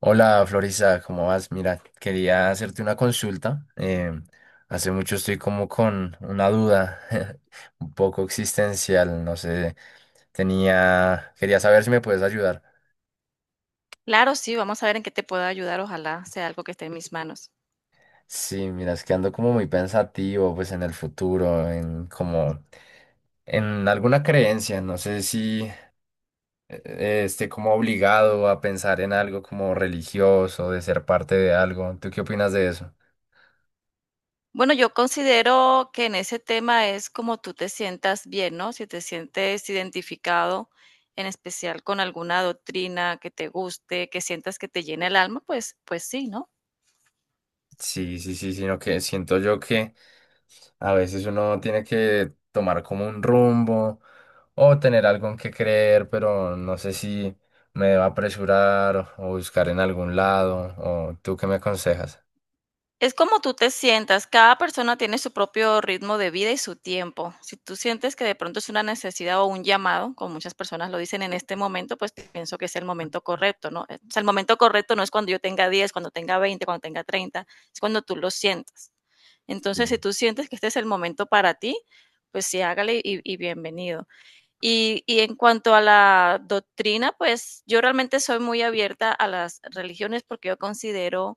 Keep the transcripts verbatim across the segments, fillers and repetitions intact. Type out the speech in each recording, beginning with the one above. Hola Florisa, ¿cómo vas? Mira, quería hacerte una consulta. Eh, hace mucho estoy como con una duda un poco existencial, no sé, tenía, quería saber si me puedes ayudar. Claro, sí, vamos a ver en qué te puedo ayudar, ojalá sea algo que esté en mis manos. Sí, mira, es que ando como muy pensativo, pues en el futuro, en como, en alguna creencia, no sé si eh, eh, esté como obligado a pensar en algo como religioso, de ser parte de algo. ¿Tú qué opinas de eso? Bueno, yo considero que en ese tema es como tú te sientas bien, ¿no? Si te sientes identificado, en especial con alguna doctrina que te guste, que sientas que te llena el alma, pues, pues sí, ¿no? Sí, sí, sí, sino que siento yo que a veces uno tiene que tomar como un rumbo o tener algo en que creer, pero no sé si me debo apresurar o buscar en algún lado, o tú qué me aconsejas. Es como tú te sientas, cada persona tiene su propio ritmo de vida y su tiempo. Si tú sientes que de pronto es una necesidad o un llamado, como muchas personas lo dicen en este momento, pues pienso que es el momento correcto, ¿no? O sea, el momento correcto no es cuando yo tenga diez, cuando tenga veinte, cuando tenga treinta. Es cuando tú lo sientas. Entonces, si Sí, tú sientes que este es el momento para ti, pues sí, hágale y, y bienvenido. Y, y en cuanto a la doctrina, pues yo realmente soy muy abierta a las religiones porque yo considero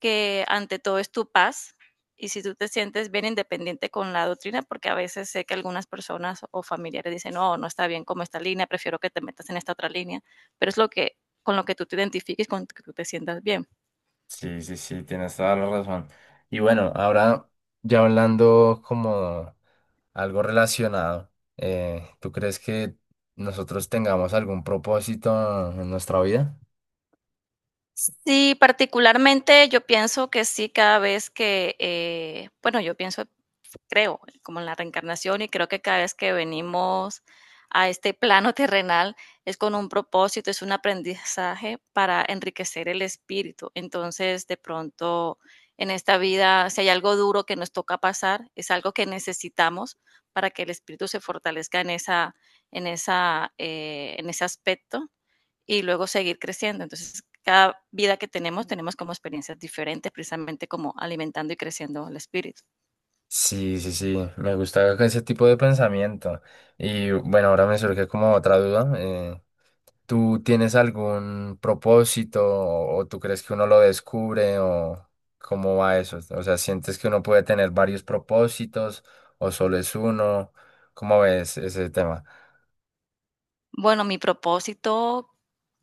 que ante todo es tu paz y si tú te sientes bien independiente con la doctrina, porque a veces sé que algunas personas o familiares dicen, no, no está bien como esta línea, prefiero que te metas en esta otra línea, pero es lo que con lo que tú te identifiques, con lo que tú te sientas bien. sí, sí, sí, tienes toda la razón. Y bueno, ahora ya hablando como algo relacionado, eh, ¿tú crees que nosotros tengamos algún propósito en nuestra vida? Sí, particularmente yo pienso que sí, cada vez que, eh, bueno, yo pienso creo, como en la reencarnación y creo que cada vez que venimos a este plano terrenal es con un propósito, es un aprendizaje para enriquecer el espíritu. Entonces, de pronto, en esta vida, si hay algo duro que nos toca pasar, es algo que necesitamos para que el espíritu se fortalezca en, esa, en, esa, eh, en ese aspecto y luego seguir creciendo. Entonces, cada vida que tenemos, tenemos como experiencias diferentes, precisamente como alimentando y creciendo el espíritu. Sí, sí, sí, me gusta ese tipo de pensamiento. Y bueno, ahora me surge como otra duda. Eh, ¿tú tienes algún propósito o, o tú crees que uno lo descubre o cómo va eso? O sea, ¿sientes que uno puede tener varios propósitos o solo es uno? ¿Cómo ves ese tema? Bueno, mi propósito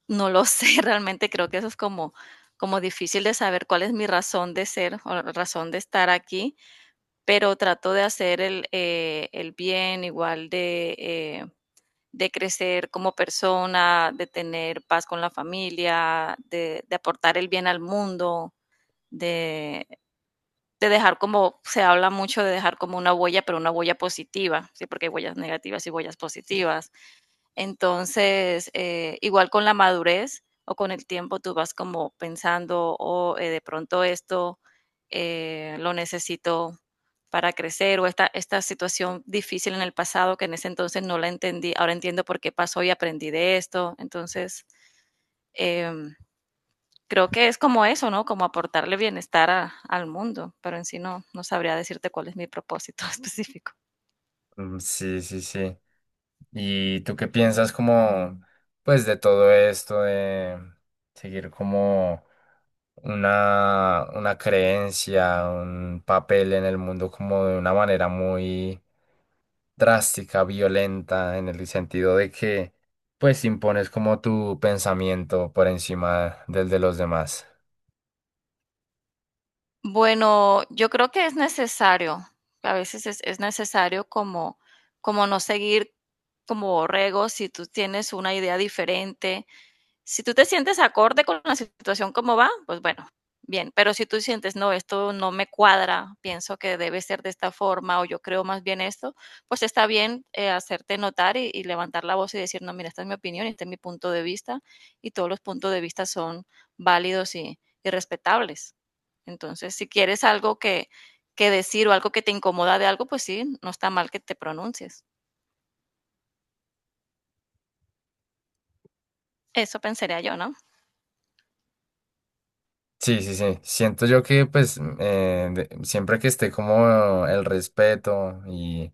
no lo sé, realmente creo que eso es como como difícil de saber cuál es mi razón de ser o la razón de estar aquí, pero trato de hacer el, eh, el bien, igual de, eh, de crecer como persona, de tener paz con la familia, de, de aportar el bien al mundo, de, de dejar como, se habla mucho de dejar como una huella, pero una huella positiva, ¿sí? Porque hay huellas negativas y huellas positivas. Entonces, eh, igual con la madurez o con el tiempo tú vas como pensando, o oh, eh, de pronto esto eh, lo necesito para crecer o esta, esta situación difícil en el pasado que en ese entonces no la entendí, ahora entiendo por qué pasó y aprendí de esto. Entonces, em, creo que es como eso, ¿no? Como aportarle bienestar a- al mundo, pero en sí no, no sabría decirte cuál es mi propósito específico. Mm, sí, sí, sí. ¿Y tú qué piensas como, pues, de todo esto, de seguir como una, una creencia, un papel en el mundo como de una manera muy drástica, violenta, en el sentido de que pues impones como tu pensamiento por encima del de los demás. Bueno, yo creo que es necesario, a veces es, es necesario como, como no seguir como borregos si tú tienes una idea diferente si tú te sientes acorde con la situación como va, pues bueno, bien, pero si tú sientes, no, esto no me cuadra, pienso que debe ser de esta forma o yo creo más bien esto, pues está bien eh, hacerte notar y, y, levantar la voz y decir, no, mira, esta es mi opinión, este es mi punto de vista y todos los puntos de vista son válidos y, y respetables. Entonces, si quieres algo que, que decir o algo que te incomoda de algo, pues sí, no está mal que te pronuncies. Eso pensaría yo, ¿no? Sí, sí, sí. Siento yo que pues mm, eh, de- siempre que esté como el respeto y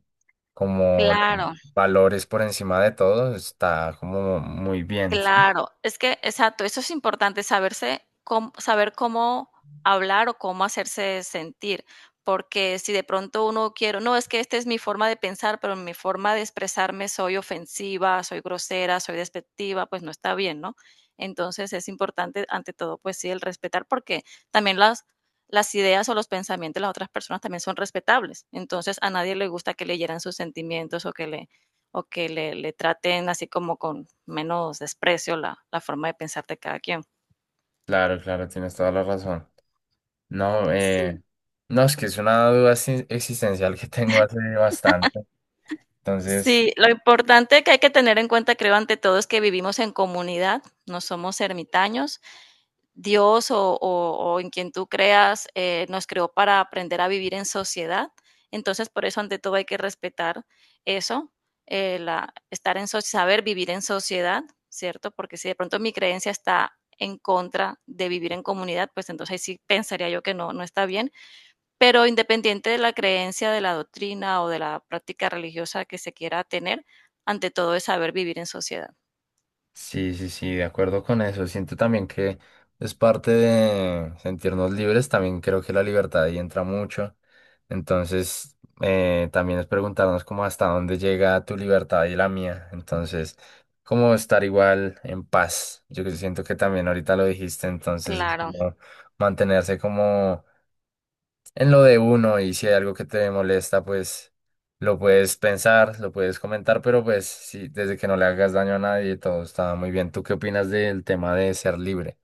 como los Claro. valores por encima de todo, está como muy bien. Claro, es que, exacto, eso es importante, saberse cómo, saber cómo hablar o cómo hacerse sentir, porque si de pronto uno quiere, no, es que esta es mi forma de pensar, pero mi forma de expresarme soy ofensiva, soy grosera, soy despectiva, pues no está bien, ¿no? Entonces es importante, ante todo, pues sí, el respetar, porque también las, las ideas o los pensamientos de las otras personas también son respetables. Entonces a nadie le gusta que leyeran sus sentimientos o que le o que le, le traten así como con menos desprecio la, la forma de pensar de cada quien. Claro, claro, tienes toda la razón. No, eh, Sí. no, es que es una duda exi- existencial que tengo hace bastante. Entonces, Sí, lo importante que hay que tener en cuenta, creo, ante todo, es que vivimos en comunidad, no somos ermitaños. Dios o, o- o en quien tú creas eh, nos creó para aprender a vivir en sociedad. Entonces, por eso, ante todo, hay que respetar eso, eh, la, estar en soci- saber vivir en sociedad, ¿cierto? Porque si de pronto mi creencia está en contra de vivir en comunidad, pues entonces ahí sí pensaría yo que no, no está bien. Pero independiente de la creencia, de la doctrina o de la práctica religiosa que se quiera tener, ante todo es saber vivir en sociedad. sí, sí, sí, de acuerdo con eso. Siento también que es parte de sentirnos libres. También creo que la libertad ahí entra mucho. Entonces, eh, también es preguntarnos como hasta dónde llega tu libertad y la mía. Entonces, cómo estar igual en paz. Yo que siento que también ahorita lo dijiste. Entonces, es Claro. como mantenerse como en lo de uno y si hay algo que te molesta, pues lo puedes pensar, lo puedes comentar, pero pues sí, desde que no le hagas daño a nadie, todo está muy bien. ¿Tú qué opinas del tema de ser libre?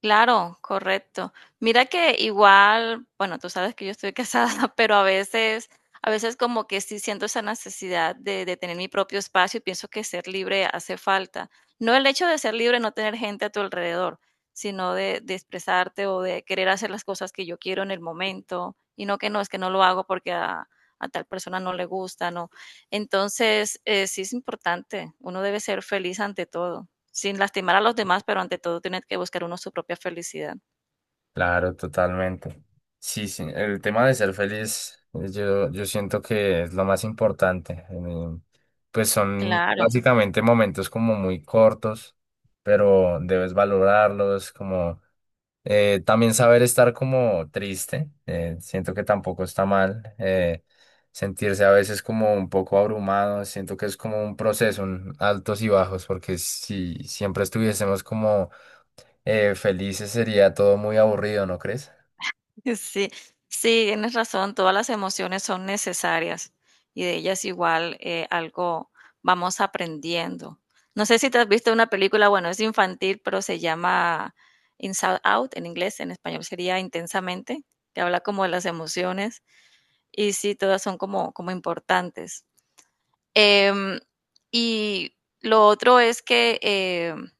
Claro, correcto. Mira que igual, bueno, tú sabes que yo estoy casada, pero a veces, a veces como que sí siento esa necesidad de, de tener mi propio espacio y pienso que ser libre hace falta. No el hecho de ser libre, no tener gente a tu alrededor, sino de, de expresarte o de querer hacer las cosas que yo quiero en el momento y no que no, es que no lo hago porque a, a tal persona no le gusta, ¿no? Entonces, eh, sí es importante, uno debe ser feliz ante todo. Sin lastimar a los demás, pero ante todo tiene que buscar uno su propia felicidad. Claro, totalmente. Sí, sí, el tema de ser feliz, eh, yo, yo siento que es lo más importante. Eh, Pues son Claro. básicamente momentos como muy cortos, pero debes valorarlos como... Eh, también saber estar como triste, eh, siento que tampoco está mal. Eh, sentirse a veces como un poco abrumado, siento que es como un proceso, un altos y bajos, porque si siempre estuviésemos como eh, felices sería todo muy aburrido, ¿no crees? Sí, sí, tienes razón, todas las emociones son necesarias y de ellas igual eh, algo vamos aprendiendo. No sé si te has visto una película, bueno, es infantil, pero se llama Inside Out en inglés, en español sería Intensamente, que habla como de las emociones y sí, todas son como, como importantes. Em, y lo otro es que em,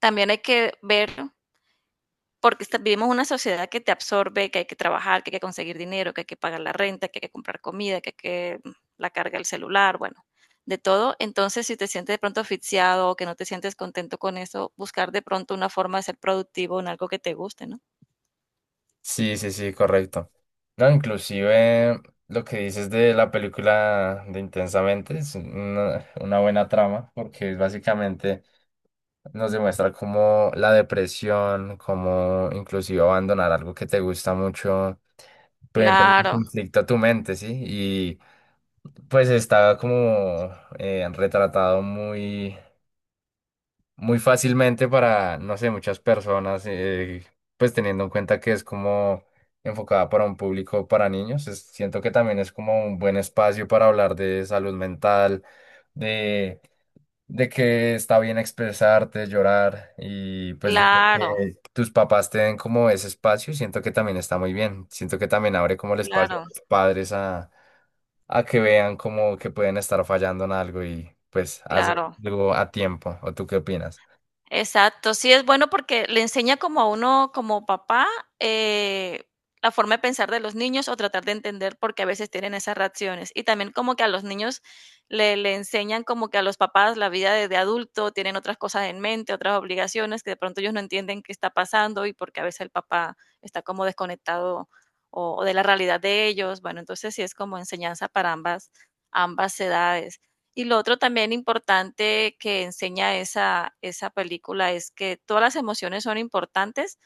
también hay que ver. Porque esta vivimos una sociedad que te absorbe, que hay que trabajar, que hay que conseguir dinero, que hay que pagar la renta, que hay que comprar comida, que hay que mm, la carga del celular, bueno, de todo. Entonces, si te sientes de pronto asfixiado o que no te sientes contento con eso, buscar de pronto una forma de ser productivo en algo que te guste, ¿no? Sí, sí, sí, correcto. No, inclusive lo que dices de la película de Intensamente es una, una buena trama, porque es básicamente nos demuestra cómo la depresión, cómo inclusive abandonar algo que te gusta mucho, puede entrar en Claro, conflicto a tu mente, ¿sí? Y pues está como eh, retratado muy, muy fácilmente para, no sé, muchas personas, eh, pues teniendo en cuenta que es como enfocada para un público para niños, es- siento que también es como un buen espacio para hablar de salud mental, de que está bien expresarte, llorar y pues de claro, que tus papás te den como ese espacio, siento que también está muy bien. Siento que también abre como el espacio claro, a los padres a, a que vean como que pueden estar fallando en algo y pues hacer claro. algo a tiempo. ¿O tú qué opinas? Exacto, sí es bueno porque le enseña como a uno, como papá, eh, la forma de pensar de los niños o tratar de entender por qué a veces tienen esas reacciones. Y también como que a los niños le, le enseñan como que a los papás la vida de, de adulto, tienen otras cosas en mente, otras obligaciones que de pronto ellos no entienden qué está pasando y porque a veces el papá está como desconectado o, o de la realidad de ellos. Bueno, entonces sí es como enseñanza para ambas, ambas edades. Y lo otro también importante que enseña esa, esa película es que todas las emociones son importantes,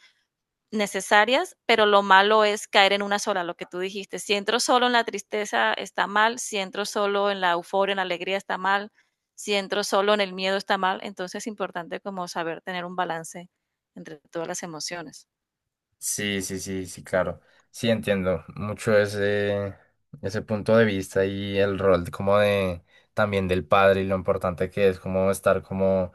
necesarias, pero lo malo es caer en una sola, lo que tú dijiste. Si entro solo en la tristeza está mal, si entro solo en la euforia, en la alegría está mal, si entro solo en el miedo está mal. Entonces es importante como saber tener un balance entre todas las emociones. Sí, sí, sí, sí, claro. Sí, entiendo mucho ese, ese punto de vista y el rol de- como de también del padre y lo importante que es como estar como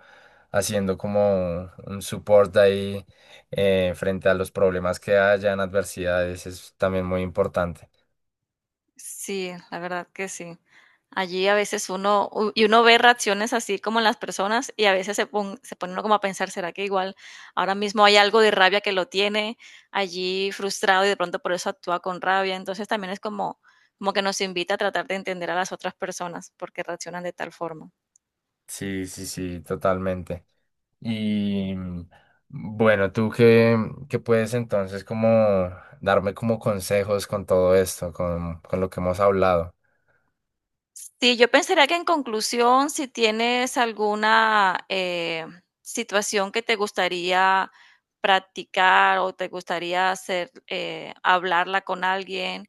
haciendo como un support ahí eh, frente a los problemas que hayan, adversidades, es también muy importante. Sí, la verdad que sí. Allí a veces uno, u- y uno ve reacciones así como en las personas y a veces se, pon- se pone uno como a pensar, ¿será que igual ahora mismo hay algo de rabia que lo tiene allí frustrado y de pronto por eso actúa con rabia? Entonces también es como, como que nos invita a tratar de entender a las otras personas porque reaccionan de tal forma. Sí, sí, sí, totalmente. Y mm, bueno, tú qué, qué puedes entonces como darme como consejos con todo esto, con, con lo que hemos hablado. Sí, yo pensaría que en conclusión, si tienes alguna eh, situación que te gustaría practicar o te gustaría hacer, eh, hablarla con alguien,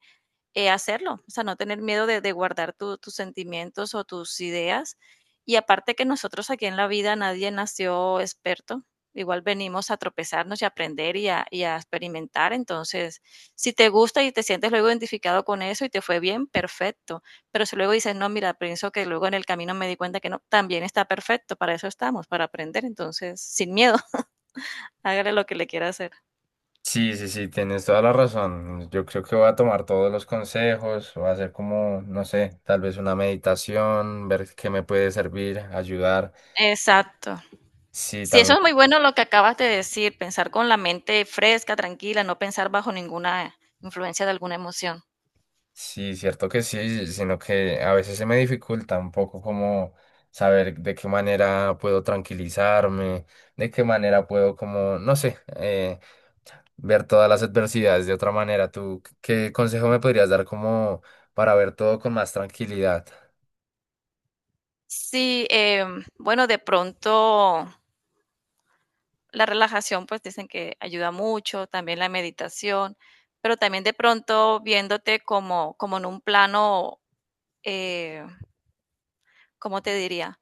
eh, hacerlo, o sea, no tener miedo de, de guardar tu- tus sentimientos o tus ideas. Y aparte que nosotros aquí en la vida nadie nació experto, igual venimos a tropezarnos y a aprender y a, y a experimentar. Entonces, si te gusta y te sientes luego identificado con eso y te fue bien, perfecto. Pero si luego dices, no, mira, pienso que luego en el camino me di cuenta que no, también está perfecto, para eso estamos, para aprender. Entonces, sin miedo, hágale lo que le quiera hacer. Sí, sí, sí, tienes toda la razón. Yo creo que voy a tomar todos los consejos, voy a hacer como, no sé, tal vez una meditación, ver qué me puede servir, ayudar. Exacto. Sí, Sí, eso también, es muy bueno lo que acabas de decir, pensar con la mente fresca, tranquila, no pensar bajo ninguna influencia de alguna emoción. sí, cierto que sí, sino que a veces se me dificulta un poco como saber de qué manera puedo tranquilizarme, de qué manera puedo como, no sé, eh, ver todas las adversidades de otra manera. ¿Tú qué consejo me podrías dar como para ver todo con más tranquilidad? Sí, em, bueno, de pronto la relajación, pues dicen que ayuda mucho, también la meditación, pero también de pronto viéndote como, como en un plano, eh, ¿cómo te diría?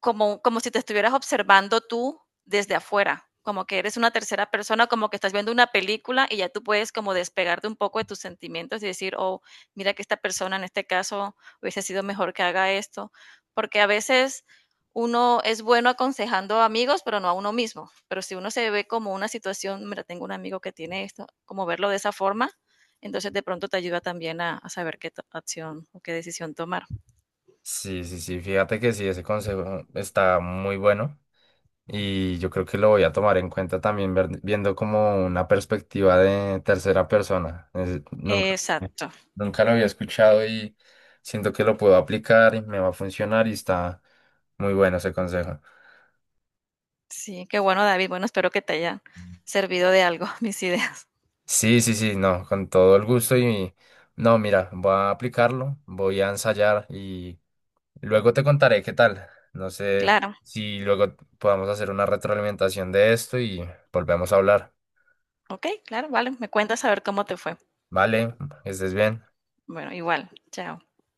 Como, como si te estuvieras observando tú desde afuera, como que eres una tercera persona, como que estás viendo una película y ya tú puedes como despegarte un poco de tus sentimientos y decir, oh, mira que esta persona en este caso hubiese sido mejor que haga esto, porque a veces uno es bueno aconsejando a amigos, pero no a uno mismo. Pero si uno se ve como una situación, mira, tengo un amigo que tiene esto, como verlo de esa forma, entonces de pronto te ayuda también a, a saber qué acción o qué decisión tomar. Sí, sí, sí, fíjate que sí, ese consejo está muy bueno y yo creo que lo voy a tomar en cuenta también ver- viendo como una perspectiva de tercera persona. Es- nunca, Exacto. nunca lo había escuchado y siento que lo puedo aplicar y me va a funcionar y está muy bueno ese consejo. Sí, qué bueno, David. Bueno, espero que te hayan servido de algo mis ideas. Sí, sí, sí, no, con todo el gusto y no, mira, voy a aplicarlo, voy a ensayar y luego te contaré qué tal. No sé Claro, si luego podamos hacer una retroalimentación de esto y volvemos a hablar. ok, claro, vale. Me cuentas a ver cómo te fue. Vale, que estés bien. Bueno, igual, chao.